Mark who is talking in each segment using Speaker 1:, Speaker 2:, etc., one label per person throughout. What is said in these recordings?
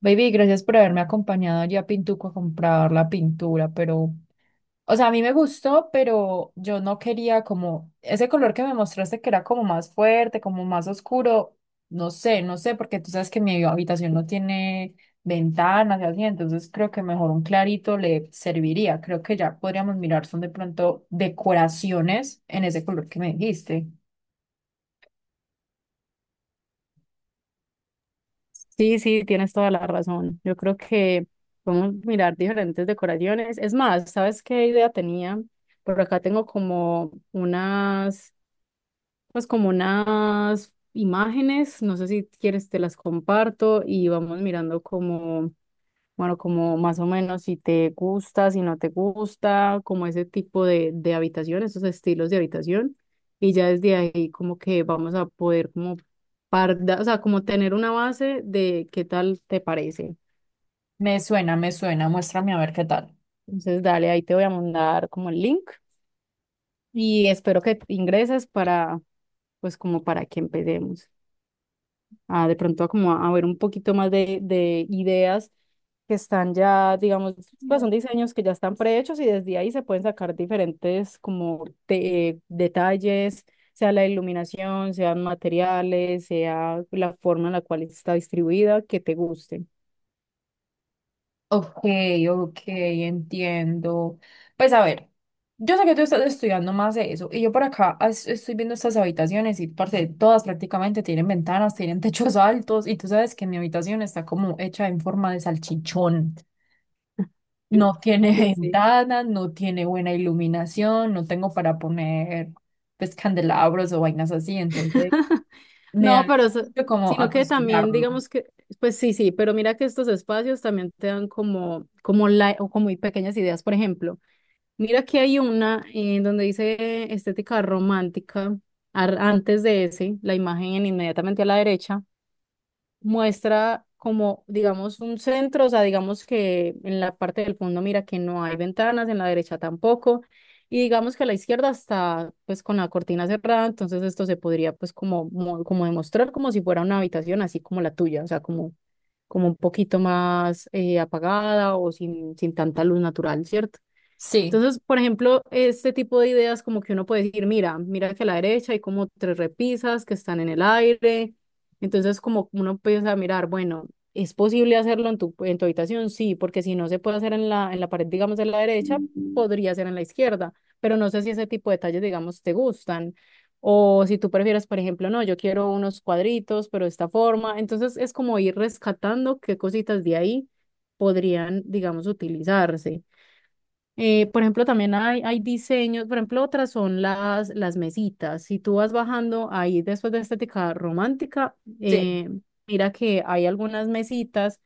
Speaker 1: Baby, gracias por haberme acompañado allí a Pintuco a comprar la pintura, pero, o sea, a mí me gustó, pero yo no quería como ese color que me mostraste que era como más fuerte, como más oscuro, no sé, porque tú sabes que mi habitación no tiene ventanas y así, entonces creo que mejor un clarito le serviría. Creo que ya podríamos mirar, son de pronto decoraciones en ese color que me dijiste.
Speaker 2: Sí, sí, tienes toda la razón. Yo creo que podemos mirar diferentes decoraciones. Es más, ¿sabes qué idea tenía? Por acá tengo como unas, pues como unas imágenes, no sé si quieres te las comparto y vamos mirando como bueno, como más o menos si te gusta, si no te gusta, como ese tipo de habitación, esos estilos de habitación. Y ya desde ahí como que vamos a poder como parda, o sea, como tener una base de qué tal te parece.
Speaker 1: Me suena, muéstrame a ver qué tal.
Speaker 2: Entonces, dale, ahí te voy a mandar como el link y espero que ingreses para, pues como para que empecemos. A de pronto a como a ver un poquito más de ideas que están ya, digamos, pues son diseños que ya están prehechos y desde ahí se pueden sacar diferentes como detalles, sea la iluminación, sean materiales, sea la forma en la cual está distribuida, que te guste.
Speaker 1: Ok, ok, entiendo. Pues a ver, yo sé que tú estás estudiando más de eso y yo por acá estoy viendo estas habitaciones y parte todas prácticamente tienen ventanas, tienen techos altos y tú sabes que mi habitación está como hecha en forma de salchichón. No tiene
Speaker 2: Sí, sí.
Speaker 1: ventanas, no tiene buena iluminación, no tengo para poner pues candelabros o vainas así, entonces me da
Speaker 2: No,
Speaker 1: el
Speaker 2: pero
Speaker 1: susto como
Speaker 2: sino que también
Speaker 1: atosigarlo.
Speaker 2: digamos que, pues sí, sí, pero mira que estos espacios también te dan como, como la, o como muy pequeñas ideas, por ejemplo. Mira que hay una donde dice estética romántica, antes de ese, la imagen inmediatamente a la derecha, muestra como, digamos, un centro, o sea, digamos que en la parte del fondo mira que no hay ventanas, en la derecha tampoco, y digamos que a la izquierda está pues con la cortina cerrada, entonces esto se podría pues como, como demostrar como si fuera una habitación así como la tuya, o sea, como, como un poquito más apagada o sin tanta luz natural, ¿cierto?
Speaker 1: Sí,
Speaker 2: Entonces, por ejemplo, este tipo de ideas como que uno puede decir, mira, mira que a la derecha hay como tres repisas que están en el aire. Entonces, como uno empieza a mirar, bueno, ¿es posible hacerlo en tu habitación? Sí, porque si no se puede hacer en la pared, digamos, de la derecha, podría ser en la izquierda. Pero no sé si ese tipo de detalles, digamos, te gustan. O si tú prefieres, por ejemplo, no, yo quiero unos cuadritos, pero de esta forma. Entonces, es como ir rescatando qué cositas de ahí podrían, digamos, utilizarse. Por ejemplo, también hay diseños, por ejemplo, otras son las mesitas. Si tú vas bajando ahí después de estética romántica,
Speaker 1: sí.
Speaker 2: mira que hay algunas mesitas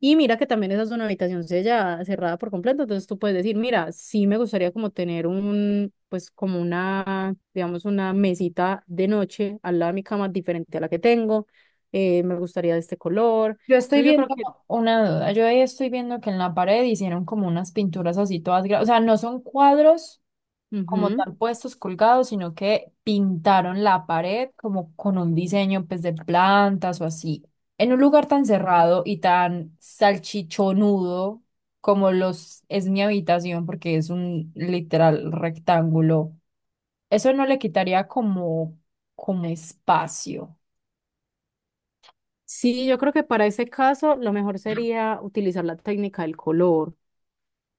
Speaker 2: y mira que también esa es una habitación sellada, cerrada por completo. Entonces tú puedes decir, mira, sí me gustaría como tener un, pues como una, digamos, una mesita de noche al lado de mi cama diferente a la que tengo. Me gustaría de este color.
Speaker 1: Yo estoy
Speaker 2: Entonces yo
Speaker 1: viendo
Speaker 2: creo que...
Speaker 1: una duda, yo ahí estoy viendo que en la pared hicieron como unas pinturas así todas, o sea, no son cuadros como
Speaker 2: Ujú.
Speaker 1: tal puestos colgados, sino que pintaron la pared como con un diseño pues de plantas o así. En un lugar tan cerrado y tan salchichonudo como los es mi habitación, porque es un literal rectángulo, eso no le quitaría como como espacio.
Speaker 2: Sí, yo creo que para ese caso lo mejor sería utilizar la técnica del color.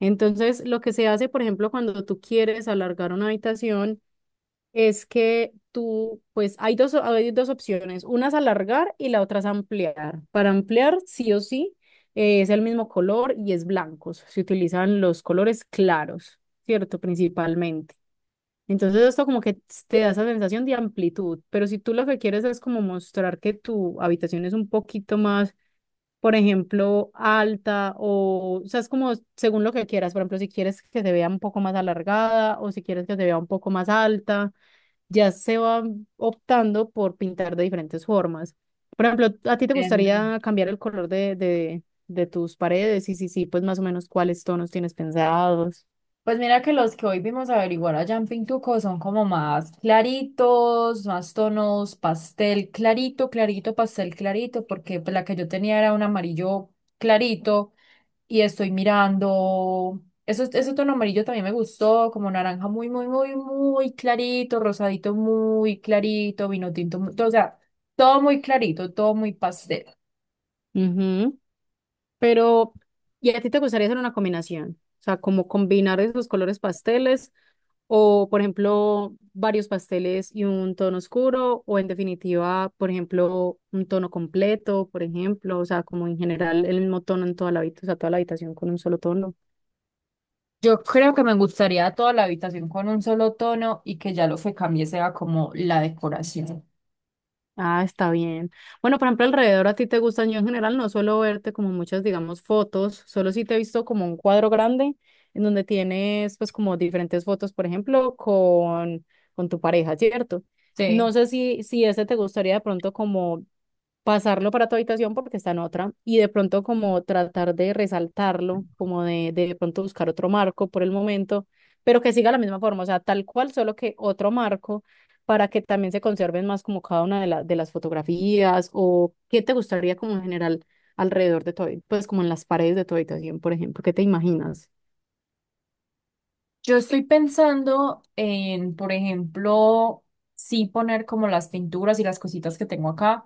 Speaker 2: Entonces, lo que se hace, por ejemplo, cuando tú quieres alargar una habitación, es que tú, pues hay dos opciones. Una es alargar y la otra es ampliar. Para ampliar, sí o sí, es el mismo color y es blancos. Se utilizan los colores claros, ¿cierto? Principalmente. Entonces, esto como que te da esa sensación de amplitud, pero si tú lo que quieres es como mostrar que tu habitación es un poquito más por ejemplo, alta o sea, es como según lo que quieras. Por ejemplo, si quieres que se vea un poco más alargada o si quieres que se vea un poco más alta, ya se va optando por pintar de diferentes formas. Por ejemplo, ¿a ti te
Speaker 1: Entiendo.
Speaker 2: gustaría cambiar el color de tus paredes? Y si sí, pues más o menos cuáles tonos tienes pensados.
Speaker 1: Pues mira que los que hoy vimos averiguar allá en Pintuco son como más claritos, más tonos, pastel clarito, clarito, pastel clarito, porque pues, la que yo tenía era un amarillo clarito y estoy mirando, eso, ese tono amarillo también me gustó, como naranja muy, muy, muy, muy clarito, rosadito muy clarito, vino tinto, o sea, todo muy clarito, todo muy pastel.
Speaker 2: Ujú. Pero, ¿y a ti te gustaría hacer una combinación? O sea, como combinar esos colores pasteles o, por ejemplo, varios pasteles y un tono oscuro, o en definitiva, por ejemplo, un tono completo, por ejemplo, o sea, como en general el mismo tono en toda la habitación, o sea, toda la habitación con un solo tono.
Speaker 1: Yo creo que me gustaría toda la habitación con un solo tono y que ya lo que cambie sea como la decoración.
Speaker 2: Ah, está bien. Bueno, por ejemplo, alrededor a ti te gustan, yo en general no suelo verte como muchas, digamos, fotos, solo sí te he visto como un cuadro grande en donde tienes pues como diferentes fotos, por ejemplo, con tu pareja, ¿cierto? No
Speaker 1: Sí,
Speaker 2: sé si, si ese te gustaría de pronto como pasarlo para tu habitación porque está en otra y de pronto como tratar de resaltarlo, como de pronto buscar otro marco por el momento, pero que siga la misma forma, o sea, tal cual, solo que otro marco para que también se conserven más como cada una de, de las fotografías o qué te gustaría como en general alrededor de tu, pues como en las paredes de tu habitación, por ejemplo, ¿qué te imaginas?
Speaker 1: yo estoy pensando en, por ejemplo, sí poner como las pinturas y las cositas que tengo acá,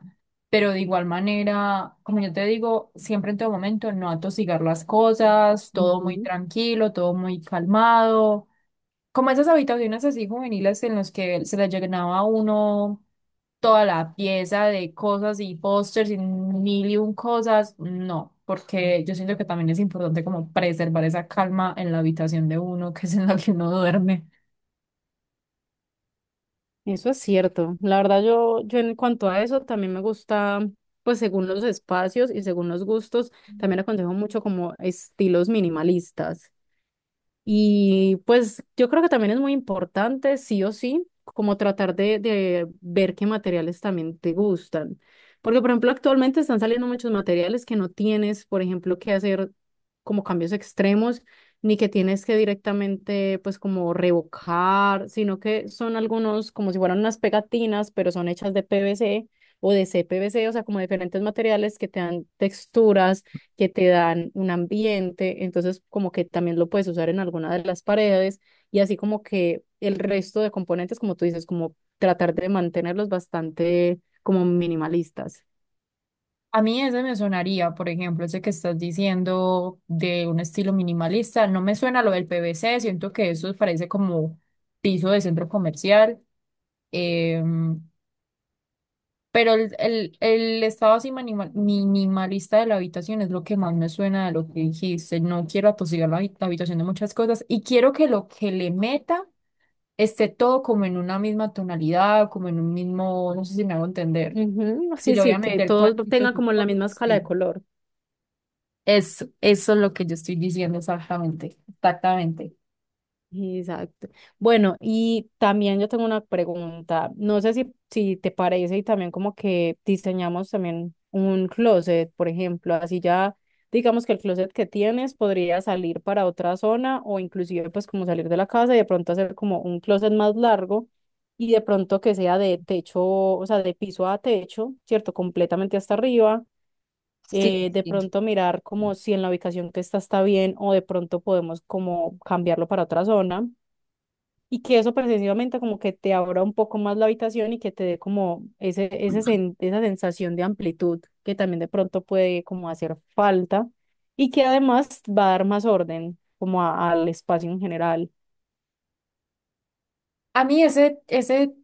Speaker 1: pero de igual manera, como yo te digo, siempre en todo momento no atosigar las cosas, todo muy
Speaker 2: Ujú.
Speaker 1: tranquilo, todo muy calmado, como esas habitaciones así juveniles en las que se le llenaba a uno toda la pieza de cosas y pósters y mil y un cosas, no, porque yo siento que también es importante como preservar esa calma en la habitación de uno, que es en la que uno duerme.
Speaker 2: Eso es cierto. La verdad, yo en cuanto a eso también me gusta, pues según los espacios y según los gustos, también aconsejo mucho como estilos minimalistas. Y pues yo creo que también es muy importante, sí o sí, como tratar de ver qué materiales también te gustan. Porque, por ejemplo, actualmente están saliendo muchos materiales que no tienes, por ejemplo, que hacer como cambios extremos, ni que tienes que directamente, pues, como revocar, sino que son algunos como si fueran unas pegatinas, pero son hechas de PVC o de CPVC, o sea, como diferentes materiales que te dan texturas que te dan un ambiente, entonces como que también lo puedes usar en alguna de las paredes y así como que el resto de componentes, como tú dices, como tratar de mantenerlos bastante como minimalistas.
Speaker 1: A mí ese me sonaría, por ejemplo, ese que estás diciendo de un estilo minimalista, no me suena lo del PVC, siento que eso parece como piso de centro comercial. Eh, Pero el estado así minimalista de la habitación es lo que más me suena de lo que dijiste. No quiero atosigar la habitación de muchas cosas y quiero que lo que le meta esté todo como en una misma tonalidad, como en un mismo, no sé si me hago entender.
Speaker 2: Ujú,
Speaker 1: Si
Speaker 2: sí,
Speaker 1: le voy
Speaker 2: sí,
Speaker 1: a
Speaker 2: que
Speaker 1: meter
Speaker 2: todos
Speaker 1: cuadritos
Speaker 2: tengan
Speaker 1: y
Speaker 2: como la misma
Speaker 1: cosas,
Speaker 2: escala de
Speaker 1: sí.
Speaker 2: color.
Speaker 1: Eso es lo que yo estoy diciendo exactamente, exactamente.
Speaker 2: Exacto. Bueno, y también yo tengo una pregunta. No sé si, si te parece y también como que diseñamos también un closet, por ejemplo, así ya digamos que el closet que tienes podría salir para otra zona o inclusive pues como salir de la casa y de pronto hacer como un closet más largo y de pronto que sea de techo, o sea, de piso a techo, ¿cierto? Completamente hasta arriba
Speaker 1: Sí,
Speaker 2: de
Speaker 1: sí.
Speaker 2: pronto mirar como si en la ubicación que está bien o de pronto podemos como cambiarlo para otra zona y que eso precisamente como que te abra un poco más la habitación y que te dé como ese, esa sensación de amplitud que también de pronto puede como hacer falta y que además va a dar más orden como al espacio en general.
Speaker 1: A mí ese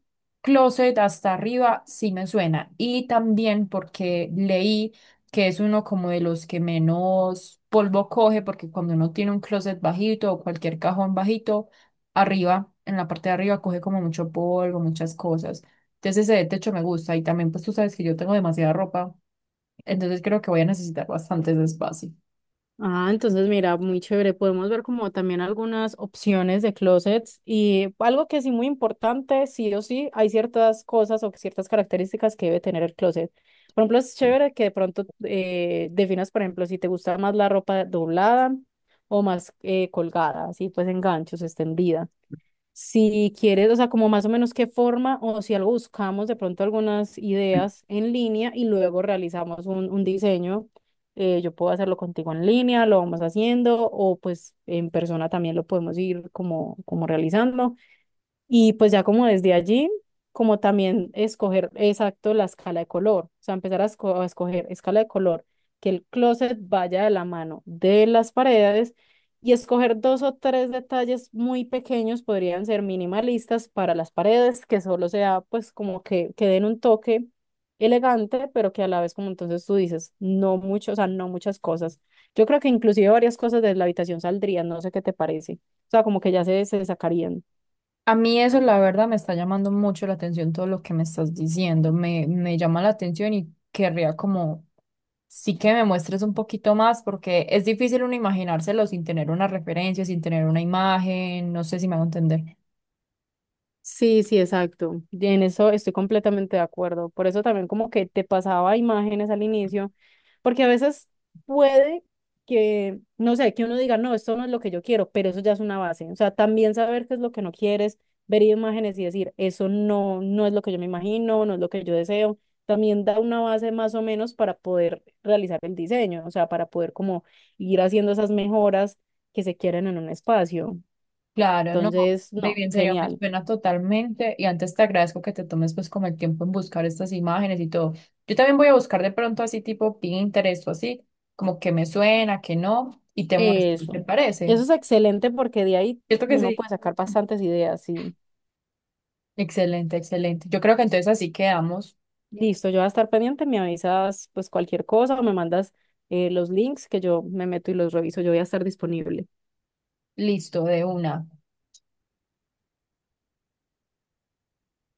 Speaker 1: closet hasta arriba sí me suena. Y también porque leí que es uno como de los que menos polvo coge, porque cuando uno tiene un closet bajito o cualquier cajón bajito, arriba, en la parte de arriba coge como mucho polvo, muchas cosas. Entonces ese de techo me gusta. Y también pues tú sabes que yo tengo demasiada ropa, entonces creo que voy a necesitar bastantes espacio.
Speaker 2: Ah, entonces mira, muy chévere. Podemos ver como también algunas opciones de closets y algo que sí muy importante, sí o sí, hay ciertas cosas o ciertas características que debe tener el closet. Por ejemplo, es chévere que de pronto definas, por ejemplo, si te gusta más la ropa doblada o más colgada, así pues en ganchos, extendida. Si quieres, o sea, como más o menos qué forma o si algo buscamos de pronto algunas ideas en línea y luego realizamos un diseño, yo puedo hacerlo contigo en línea, lo vamos haciendo o pues en persona también lo podemos ir como, como realizando. Y pues ya como desde allí, como también escoger exacto la escala de color, o sea, empezar a, a escoger escala de color, que el closet vaya de la mano de las paredes y escoger dos o tres detalles muy pequeños, podrían ser minimalistas para las paredes, que solo sea pues como que den un toque elegante, pero que a la vez como entonces tú dices, no mucho, o sea, no muchas cosas. Yo creo que inclusive varias cosas de la habitación saldrían, no sé qué te parece, o sea, como que ya se sacarían.
Speaker 1: A mí eso, la verdad, me está llamando mucho la atención todo lo que me estás diciendo. Me llama la atención y querría como sí que me muestres un poquito más porque es difícil uno imaginárselo sin tener una referencia, sin tener una imagen, no sé si me hago entender.
Speaker 2: Sí, sí, exacto. Y en eso estoy completamente de acuerdo. Por eso también como que te pasaba imágenes al inicio, porque a veces puede que, no sé, que uno diga, no, esto no es lo que yo quiero, pero eso ya es una base. O sea, también saber qué es lo que no quieres, ver imágenes y decir, eso no, no es lo que yo me imagino, no es lo que yo deseo, también da una base más o menos para poder realizar el diseño, o sea, para poder como ir haciendo esas mejoras que se quieren en un espacio.
Speaker 1: Claro, no,
Speaker 2: Entonces, no,
Speaker 1: baby, en serio, me
Speaker 2: genial.
Speaker 1: suena totalmente y antes te agradezco que te tomes pues como el tiempo en buscar estas imágenes y todo. Yo también voy a buscar de pronto así tipo Pinterest o así, como que me suena, que no, y te muestro, ¿te
Speaker 2: Eso.
Speaker 1: parece?
Speaker 2: Eso es excelente porque de ahí
Speaker 1: Cierto que
Speaker 2: uno
Speaker 1: sí.
Speaker 2: puede sacar bastantes ideas. Y
Speaker 1: Excelente, excelente. Yo creo que entonces así quedamos
Speaker 2: listo, yo voy a estar pendiente, me avisas pues cualquier cosa o me mandas los links que yo me meto y los reviso. Yo voy a estar disponible.
Speaker 1: listo de una.